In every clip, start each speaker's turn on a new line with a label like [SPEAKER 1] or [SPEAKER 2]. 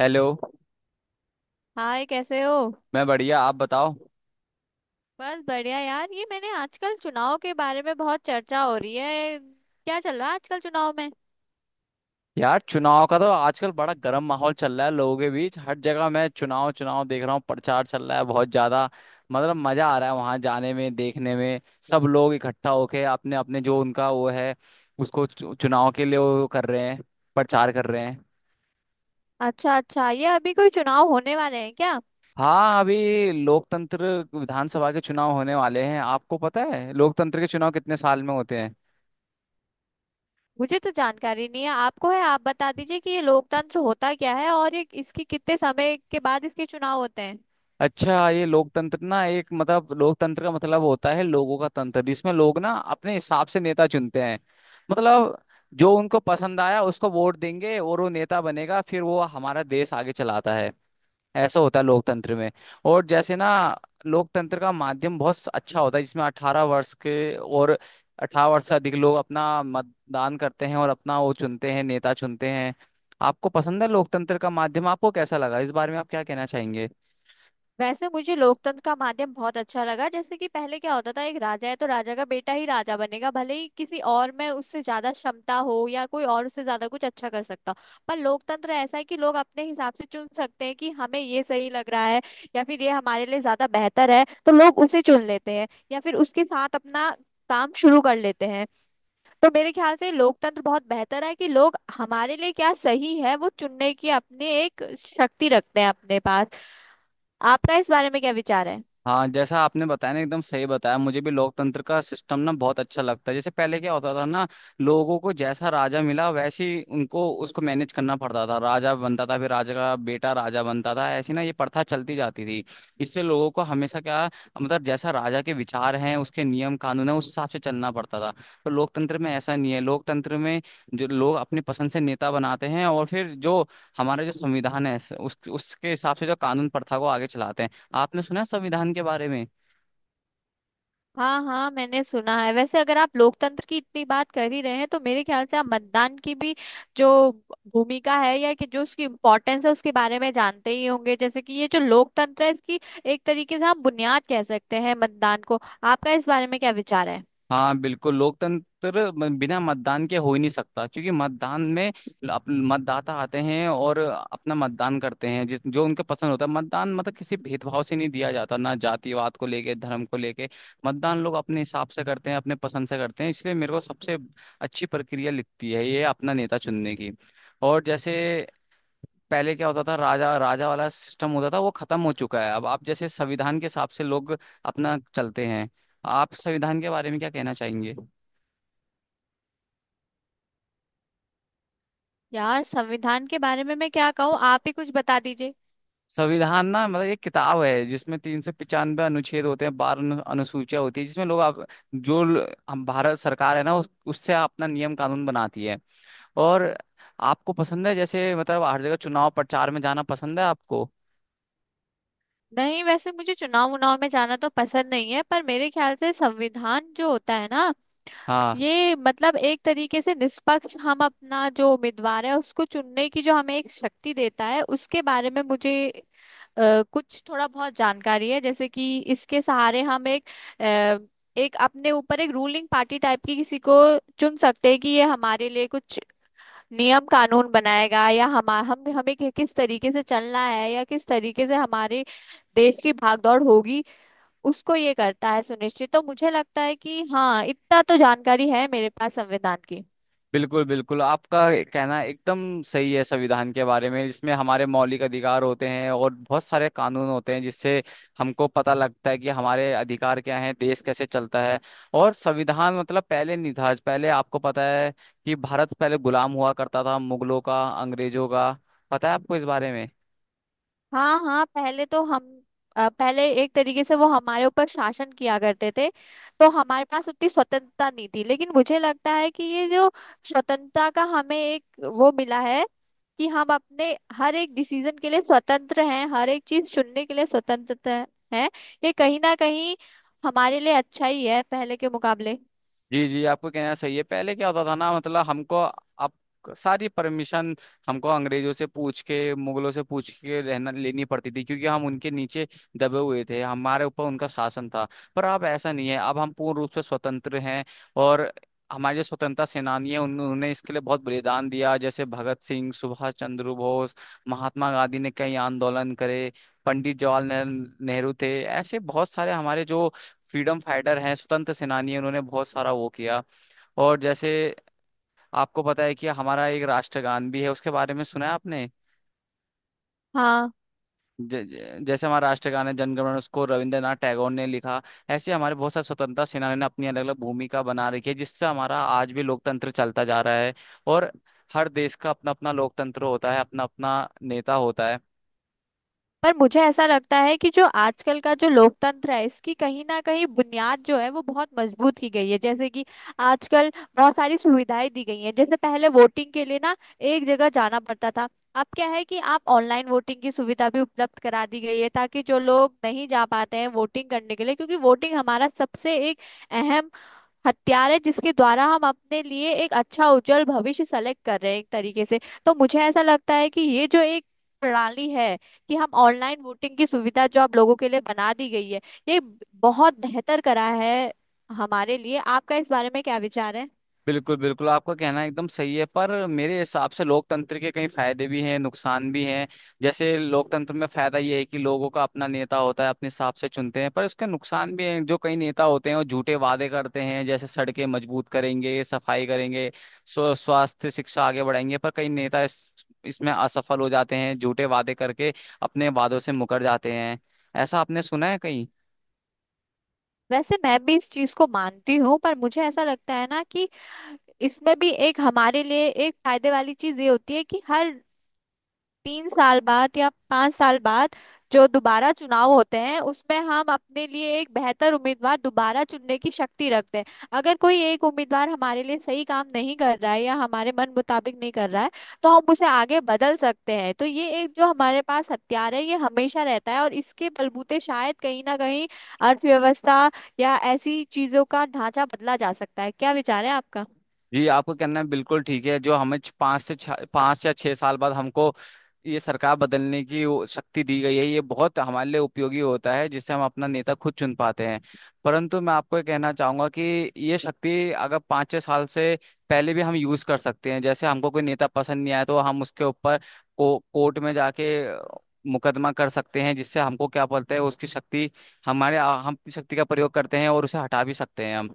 [SPEAKER 1] Hello.
[SPEAKER 2] Hi, कैसे हो।
[SPEAKER 1] मैं बढ़िया, आप बताओ।
[SPEAKER 2] बस बढ़िया यार। ये मैंने आजकल चुनाव के बारे में बहुत चर्चा हो रही है, क्या चल रहा है आजकल चुनाव में।
[SPEAKER 1] यार, चुनाव का तो आजकल बड़ा गर्म माहौल चल रहा है लोगों के बीच। हर जगह मैं चुनाव चुनाव देख रहा हूँ, प्रचार चल रहा है बहुत ज्यादा। मतलब मजा आ रहा है वहां जाने में, देखने में। सब लोग इकट्ठा होके अपने अपने जो उनका वो है उसको चुनाव के लिए वो कर रहे हैं, प्रचार कर रहे हैं।
[SPEAKER 2] अच्छा अच्छा, ये अभी कोई चुनाव होने वाले हैं क्या।
[SPEAKER 1] हाँ, अभी लोकतंत्र विधानसभा के चुनाव होने वाले हैं। आपको पता है लोकतंत्र के चुनाव कितने साल में होते हैं?
[SPEAKER 2] मुझे तो जानकारी नहीं है, आपको है, आप बता दीजिए कि ये लोकतंत्र होता क्या है और ये इसके कितने समय के बाद इसके चुनाव होते हैं।
[SPEAKER 1] अच्छा, ये लोकतंत्र ना एक मतलब लोकतंत्र का मतलब होता है लोगों का तंत्र, जिसमें लोग ना अपने हिसाब से नेता चुनते हैं। मतलब जो उनको पसंद आया उसको वोट देंगे और वो नेता बनेगा, फिर वो हमारा देश आगे चलाता है। ऐसा होता है लोकतंत्र में। और जैसे ना, लोकतंत्र का माध्यम बहुत अच्छा होता है जिसमें 18 वर्ष के और 18 वर्ष से अधिक लोग अपना मतदान करते हैं और अपना वो चुनते हैं, नेता चुनते हैं। आपको पसंद है लोकतंत्र का माध्यम? आपको कैसा लगा, इस बारे में आप क्या कहना चाहेंगे?
[SPEAKER 2] वैसे मुझे लोकतंत्र का माध्यम बहुत अच्छा लगा, जैसे कि पहले क्या होता था, एक राजा है तो राजा का बेटा ही राजा बनेगा, भले ही किसी और में उससे ज्यादा क्षमता हो या कोई और उससे ज्यादा कुछ अच्छा कर सकता हो। पर लोकतंत्र ऐसा है कि लोग अपने हिसाब से चुन सकते हैं कि हमें ये सही लग रहा है या फिर ये हमारे लिए ज्यादा बेहतर है, तो लोग उसे चुन लेते हैं या फिर उसके साथ अपना काम शुरू कर लेते हैं। तो मेरे ख्याल से लोकतंत्र बहुत बेहतर है कि लोग हमारे लिए क्या सही है वो चुनने की अपनी एक शक्ति रखते हैं अपने पास। आपका इस बारे में क्या विचार है।
[SPEAKER 1] हाँ जैसा आपने बताया ना, एकदम सही बताया। मुझे भी लोकतंत्र का सिस्टम ना बहुत अच्छा लगता है। जैसे पहले क्या होता था ना, लोगों को जैसा राजा मिला वैसी उनको उसको मैनेज करना पड़ता था। राजा बनता था, फिर राजा का बेटा राजा बनता था, ऐसी ना ये प्रथा चलती जाती थी। इससे लोगों को हमेशा क्या, मतलब जैसा राजा के विचार हैं, उसके नियम कानून है, उस हिसाब से चलना पड़ता था। तो लोकतंत्र में ऐसा नहीं है। लोकतंत्र में जो लोग अपनी पसंद से नेता बनाते हैं, और फिर जो हमारा जो संविधान है उस उसके हिसाब से जो कानून प्रथा को आगे चलाते हैं। आपने सुना है संविधान के बारे में?
[SPEAKER 2] हाँ हाँ, मैंने सुना है। वैसे अगर आप लोकतंत्र की इतनी बात कर ही रहे हैं तो मेरे ख्याल से आप मतदान की भी जो भूमिका है या कि जो उसकी इम्पोर्टेंस है उसके बारे में जानते ही होंगे। जैसे कि ये जो लोकतंत्र है इसकी एक तरीके से हम बुनियाद कह सकते हैं मतदान को। आपका इस बारे में क्या विचार है।
[SPEAKER 1] हाँ बिल्कुल, लोकतंत्र बिना मतदान के हो ही नहीं सकता, क्योंकि मतदान में मतदाता आते हैं और अपना मतदान करते हैं जिस जो उनके पसंद होता है। मतदान मतलब किसी भेदभाव से नहीं दिया जाता ना, जातिवाद को लेके, धर्म को लेके। मतदान लोग अपने हिसाब से करते हैं, अपने पसंद से करते हैं। इसलिए मेरे को सबसे अच्छी प्रक्रिया लिखती है ये, अपना नेता चुनने की। और जैसे पहले क्या होता था, राजा राजा वाला सिस्टम होता था, वो खत्म हो चुका है। अब आप जैसे संविधान के हिसाब से लोग अपना चलते हैं। आप संविधान के बारे में क्या कहना चाहेंगे?
[SPEAKER 2] यार संविधान के बारे में मैं क्या कहूँ, आप ही कुछ बता दीजिए।
[SPEAKER 1] संविधान ना मतलब एक किताब है जिसमें 395 अनुच्छेद होते हैं, 12 अनुसूचियां होती है, जिसमें लोग आप जो हम भारत सरकार है ना उससे अपना नियम कानून बनाती है। और आपको पसंद है जैसे मतलब हर जगह चुनाव प्रचार में जाना पसंद है आपको?
[SPEAKER 2] नहीं, वैसे मुझे चुनाव उनाव में जाना तो पसंद नहीं है, पर मेरे ख्याल से संविधान जो होता है ना,
[SPEAKER 1] हाँ,
[SPEAKER 2] ये मतलब एक तरीके से निष्पक्ष हम अपना जो उम्मीदवार है उसको चुनने की जो हमें एक शक्ति देता है, उसके बारे में मुझे कुछ थोड़ा बहुत जानकारी है। जैसे कि इसके सहारे हम एक अ, एक अपने ऊपर एक रूलिंग पार्टी टाइप की किसी को चुन सकते हैं कि ये हमारे लिए कुछ नियम कानून बनाएगा या हम हमें किस तरीके से चलना है या किस तरीके से हमारे देश की भागदौड़ होगी, उसको ये करता है सुनिश्चित। तो मुझे लगता है कि हाँ, इतना तो जानकारी है मेरे पास संविधान की।
[SPEAKER 1] बिल्कुल बिल्कुल, आपका कहना एकदम सही है। संविधान के बारे में, इसमें हमारे मौलिक अधिकार होते हैं और बहुत सारे कानून होते हैं जिससे हमको पता लगता है कि हमारे अधिकार क्या हैं, देश कैसे चलता है। और संविधान मतलब पहले नहीं था। पहले आपको पता है कि भारत पहले गुलाम हुआ करता था, मुगलों का, अंग्रेजों का। पता है आपको इस बारे में?
[SPEAKER 2] हाँ हाँ, पहले तो हम पहले एक तरीके से वो हमारे ऊपर शासन किया करते थे, तो हमारे पास उतनी स्वतंत्रता नहीं थी। लेकिन मुझे लगता है कि ये जो स्वतंत्रता का हमें एक वो मिला है कि हम अपने हर एक डिसीजन के लिए स्वतंत्र हैं, हर एक चीज चुनने के लिए स्वतंत्रता है। ये कहीं ना कहीं हमारे लिए अच्छा ही है पहले के मुकाबले।
[SPEAKER 1] जी जी, आपको कहना सही है। पहले क्या होता था ना, मतलब हमको अब सारी परमिशन हमको अंग्रेजों से पूछ के, मुगलों से पूछ के रहना लेनी पड़ती थी, क्योंकि हम उनके नीचे दबे हुए थे, हमारे ऊपर उनका शासन था। पर अब ऐसा नहीं है, अब हम पूर्ण रूप से स्वतंत्र हैं। और हमारे जो स्वतंत्रता सेनानी हैं उन्होंने इसके लिए बहुत बलिदान दिया, जैसे भगत सिंह, सुभाष चंद्र बोस, महात्मा गांधी ने कई आंदोलन करे, पंडित जवाहरलाल नेहरू थे। ऐसे बहुत सारे हमारे जो फ्रीडम फाइटर हैं, स्वतंत्र सेनानी हैं, उन्होंने बहुत सारा वो किया। और जैसे आपको पता है कि हमारा एक राष्ट्रगान भी है, उसके बारे में सुना है आपने?
[SPEAKER 2] हाँ,
[SPEAKER 1] ज, ज- जैसे हमारा राष्ट्रगान है जनगणमन, उसको रविंद्रनाथ टैगोर ने लिखा। ऐसे हमारे बहुत सारे स्वतंत्रता सेनानियों ने अपनी अलग अलग भूमिका बना रखी है जिससे हमारा आज भी लोकतंत्र चलता जा रहा है। और हर देश का अपना अपना लोकतंत्र होता है, अपना अपना नेता होता है।
[SPEAKER 2] पर मुझे ऐसा लगता है कि जो आजकल का जो लोकतंत्र है इसकी कहीं ना कहीं बुनियाद जो है वो बहुत मजबूत की गई है। जैसे कि आजकल बहुत सारी सुविधाएं दी गई हैं। जैसे पहले वोटिंग के लिए ना एक जगह जाना पड़ता था, अब क्या है कि आप ऑनलाइन वोटिंग की सुविधा भी उपलब्ध करा दी गई है, ताकि जो लोग नहीं जा पाते हैं वोटिंग करने के लिए, क्योंकि वोटिंग हमारा सबसे एक अहम हथियार है जिसके द्वारा हम अपने लिए एक अच्छा उज्जवल भविष्य सेलेक्ट कर रहे हैं एक तरीके से। तो मुझे ऐसा लगता है कि ये जो एक प्रणाली है कि हम ऑनलाइन वोटिंग की सुविधा जो आप लोगों के लिए बना दी गई है, ये बहुत बेहतर करा है हमारे लिए। आपका इस बारे में क्या विचार है।
[SPEAKER 1] बिल्कुल बिल्कुल, आपका कहना एकदम सही है। पर मेरे हिसाब से लोकतंत्र के कई फायदे भी हैं, नुकसान भी हैं। जैसे लोकतंत्र में फायदा ये है कि लोगों का अपना नेता होता है, अपने हिसाब से चुनते हैं। पर उसके नुकसान भी हैं, जो कई नेता होते हैं वो झूठे वादे करते हैं, जैसे सड़कें मजबूत करेंगे, सफाई करेंगे, स्वास्थ्य शिक्षा आगे बढ़ाएंगे। पर कई नेता इसमें असफल हो जाते हैं, झूठे वादे करके अपने वादों से मुकर जाते हैं। ऐसा आपने सुना है कहीं?
[SPEAKER 2] वैसे मैं भी इस चीज को मानती हूँ, पर मुझे ऐसा लगता है ना कि इसमें भी एक हमारे लिए एक फायदे वाली चीज ये होती है कि हर तीन साल बाद या पांच साल बाद जो दोबारा चुनाव होते हैं उसमें हम अपने लिए एक बेहतर उम्मीदवार दोबारा चुनने की शक्ति रखते हैं। अगर कोई एक उम्मीदवार हमारे लिए सही काम नहीं कर रहा है या हमारे मन मुताबिक नहीं कर रहा है तो हम उसे आगे बदल सकते हैं। तो ये एक जो हमारे पास हथियार है ये हमेशा रहता है और इसके बलबूते शायद कहीं ना कहीं अर्थव्यवस्था या ऐसी चीजों का ढांचा बदला जा सकता है। क्या विचार है आपका।
[SPEAKER 1] जी आपका कहना है बिल्कुल ठीक है। जो हमें 5 से 6, 5 या 6 साल बाद हमको ये सरकार बदलने की वो शक्ति दी गई है, ये बहुत हमारे लिए उपयोगी होता है जिससे हम अपना नेता खुद चुन पाते हैं। परंतु मैं आपको ये कहना चाहूंगा कि ये शक्ति अगर 5-6 साल से पहले भी हम यूज कर सकते हैं। जैसे हमको कोई नेता पसंद नहीं आया तो हम उसके ऊपर कोर्ट में जाके मुकदमा कर सकते हैं, जिससे हमको क्या बोलते हैं उसकी शक्ति, हमारे हम अपनी शक्ति का प्रयोग करते हैं और उसे हटा भी सकते हैं हम।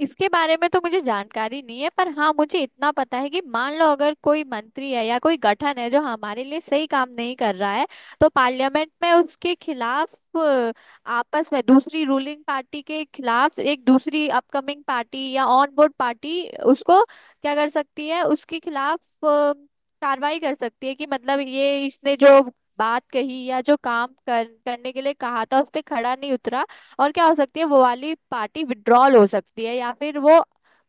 [SPEAKER 2] इसके बारे में तो मुझे जानकारी नहीं है, पर हाँ मुझे इतना पता है कि मान लो अगर कोई मंत्री है या कोई गठन है जो हमारे लिए सही काम नहीं कर रहा है, तो पार्लियामेंट में उसके खिलाफ आपस में दूसरी रूलिंग पार्टी के खिलाफ एक दूसरी अपकमिंग पार्टी या ऑन बोर्ड पार्टी उसको क्या कर सकती है, उसके खिलाफ अ, कार्रवाई कर सकती है कि मतलब ये इसने जो बात कही या जो काम कर करने के लिए कहा था उस पे खड़ा नहीं उतरा। और क्या हो सकती है, वो वाली पार्टी विड्रॉल हो सकती है या फिर वो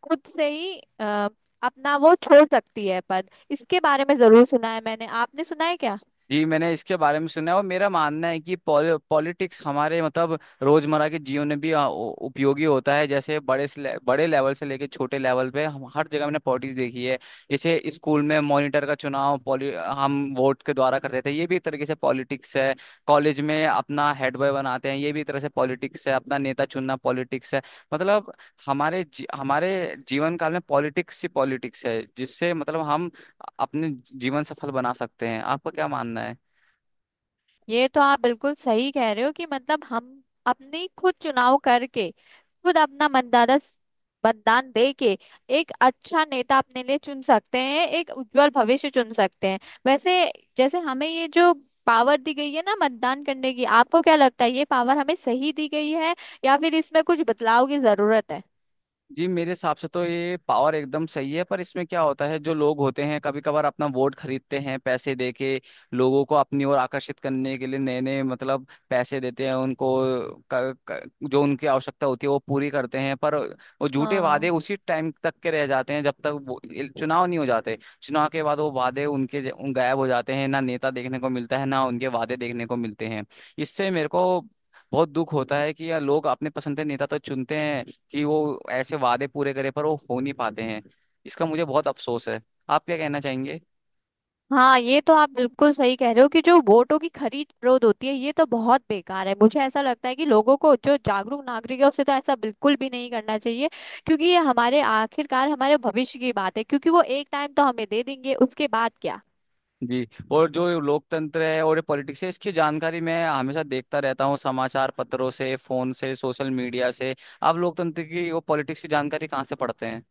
[SPEAKER 2] खुद से ही अपना वो छोड़ सकती है पद। इसके बारे में जरूर सुना है मैंने, आपने सुना है क्या।
[SPEAKER 1] जी मैंने इसके बारे में सुना है। और मेरा मानना है कि पॉलिटिक्स हमारे मतलब रोजमर्रा के जीवन में भी उपयोगी होता है। जैसे बड़े लेवल से लेके छोटे लेवल पे हम हर जगह मैंने पॉलिटिक्स देखी है। जैसे स्कूल में मॉनिटर का चुनाव पॉलि हम वोट के द्वारा करते थे, ये भी एक तरीके से पॉलिटिक्स है। कॉलेज में अपना हेड बॉय बनाते हैं, ये भी एक तरह से पॉलिटिक्स है। अपना नेता चुनना पॉलिटिक्स है। मतलब हमारे हमारे जीवन काल में पॉलिटिक्स ही पॉलिटिक्स है, जिससे मतलब हम अपने जीवन सफल बना सकते हैं। आपका क्या मानना?
[SPEAKER 2] ये तो आप बिल्कुल सही कह रहे हो कि मतलब हम अपनी खुद चुनाव करके खुद अपना मतदाता मतदान दे के एक अच्छा नेता अपने लिए चुन सकते हैं, एक उज्जवल भविष्य चुन सकते हैं। वैसे जैसे हमें ये जो पावर दी गई है ना मतदान करने की, आपको क्या लगता है ये पावर हमें सही दी गई है या फिर इसमें कुछ बदलाव की जरूरत है।
[SPEAKER 1] जी मेरे हिसाब से तो ये पावर एकदम सही है, पर इसमें क्या होता है जो लोग होते हैं कभी कभार अपना वोट खरीदते हैं, पैसे देके लोगों को अपनी ओर आकर्षित करने के लिए नए नए मतलब पैसे देते हैं उनको। क, क, जो उनकी आवश्यकता होती है वो पूरी करते हैं, पर वो झूठे वादे
[SPEAKER 2] हाँ
[SPEAKER 1] उसी टाइम तक के रह जाते हैं जब तक वो चुनाव नहीं हो जाते। चुनाव के बाद वो वादे उनके उन गायब हो जाते हैं, ना नेता देखने को मिलता है ना उनके वादे देखने को मिलते हैं। इससे मेरे को बहुत दुख होता है कि यार लोग अपने पसंद के नेता तो चुनते हैं कि वो ऐसे वादे पूरे करे, पर वो हो नहीं पाते हैं। इसका मुझे बहुत अफसोस है। आप क्या कहना चाहेंगे?
[SPEAKER 2] हाँ, ये तो आप बिल्कुल सही कह रहे हो कि जो वोटों की खरीद फरोख्त होती है ये तो बहुत बेकार है। मुझे ऐसा लगता है कि लोगों को जो जागरूक नागरिक है उसे तो ऐसा बिल्कुल भी नहीं करना चाहिए, क्योंकि ये हमारे आखिरकार हमारे भविष्य की बात है, क्योंकि वो एक टाइम तो हमें दे देंगे, उसके बाद क्या।
[SPEAKER 1] जी। और जो लोकतंत्र है और ये पॉलिटिक्स है, इसकी जानकारी मैं हमेशा देखता रहता हूँ समाचार पत्रों से, फोन से, सोशल मीडिया से। आप लोकतंत्र की वो पॉलिटिक्स की जानकारी कहाँ से पढ़ते हैं?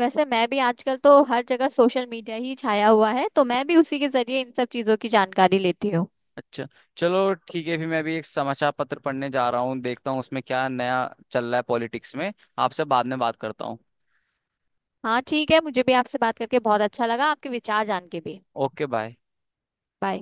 [SPEAKER 2] वैसे मैं भी आजकल तो हर जगह सोशल मीडिया ही छाया हुआ है, तो मैं भी उसी के जरिए इन सब चीजों की जानकारी लेती हूँ।
[SPEAKER 1] अच्छा, चलो ठीक है। फिर मैं अभी एक समाचार पत्र पढ़ने जा रहा हूँ, देखता हूँ उसमें क्या नया चल रहा है पॉलिटिक्स में। आपसे बाद में बात करता हूँ।
[SPEAKER 2] हाँ ठीक है, मुझे भी आपसे बात करके बहुत अच्छा लगा, आपके विचार जान के भी।
[SPEAKER 1] Okay bye.
[SPEAKER 2] बाय।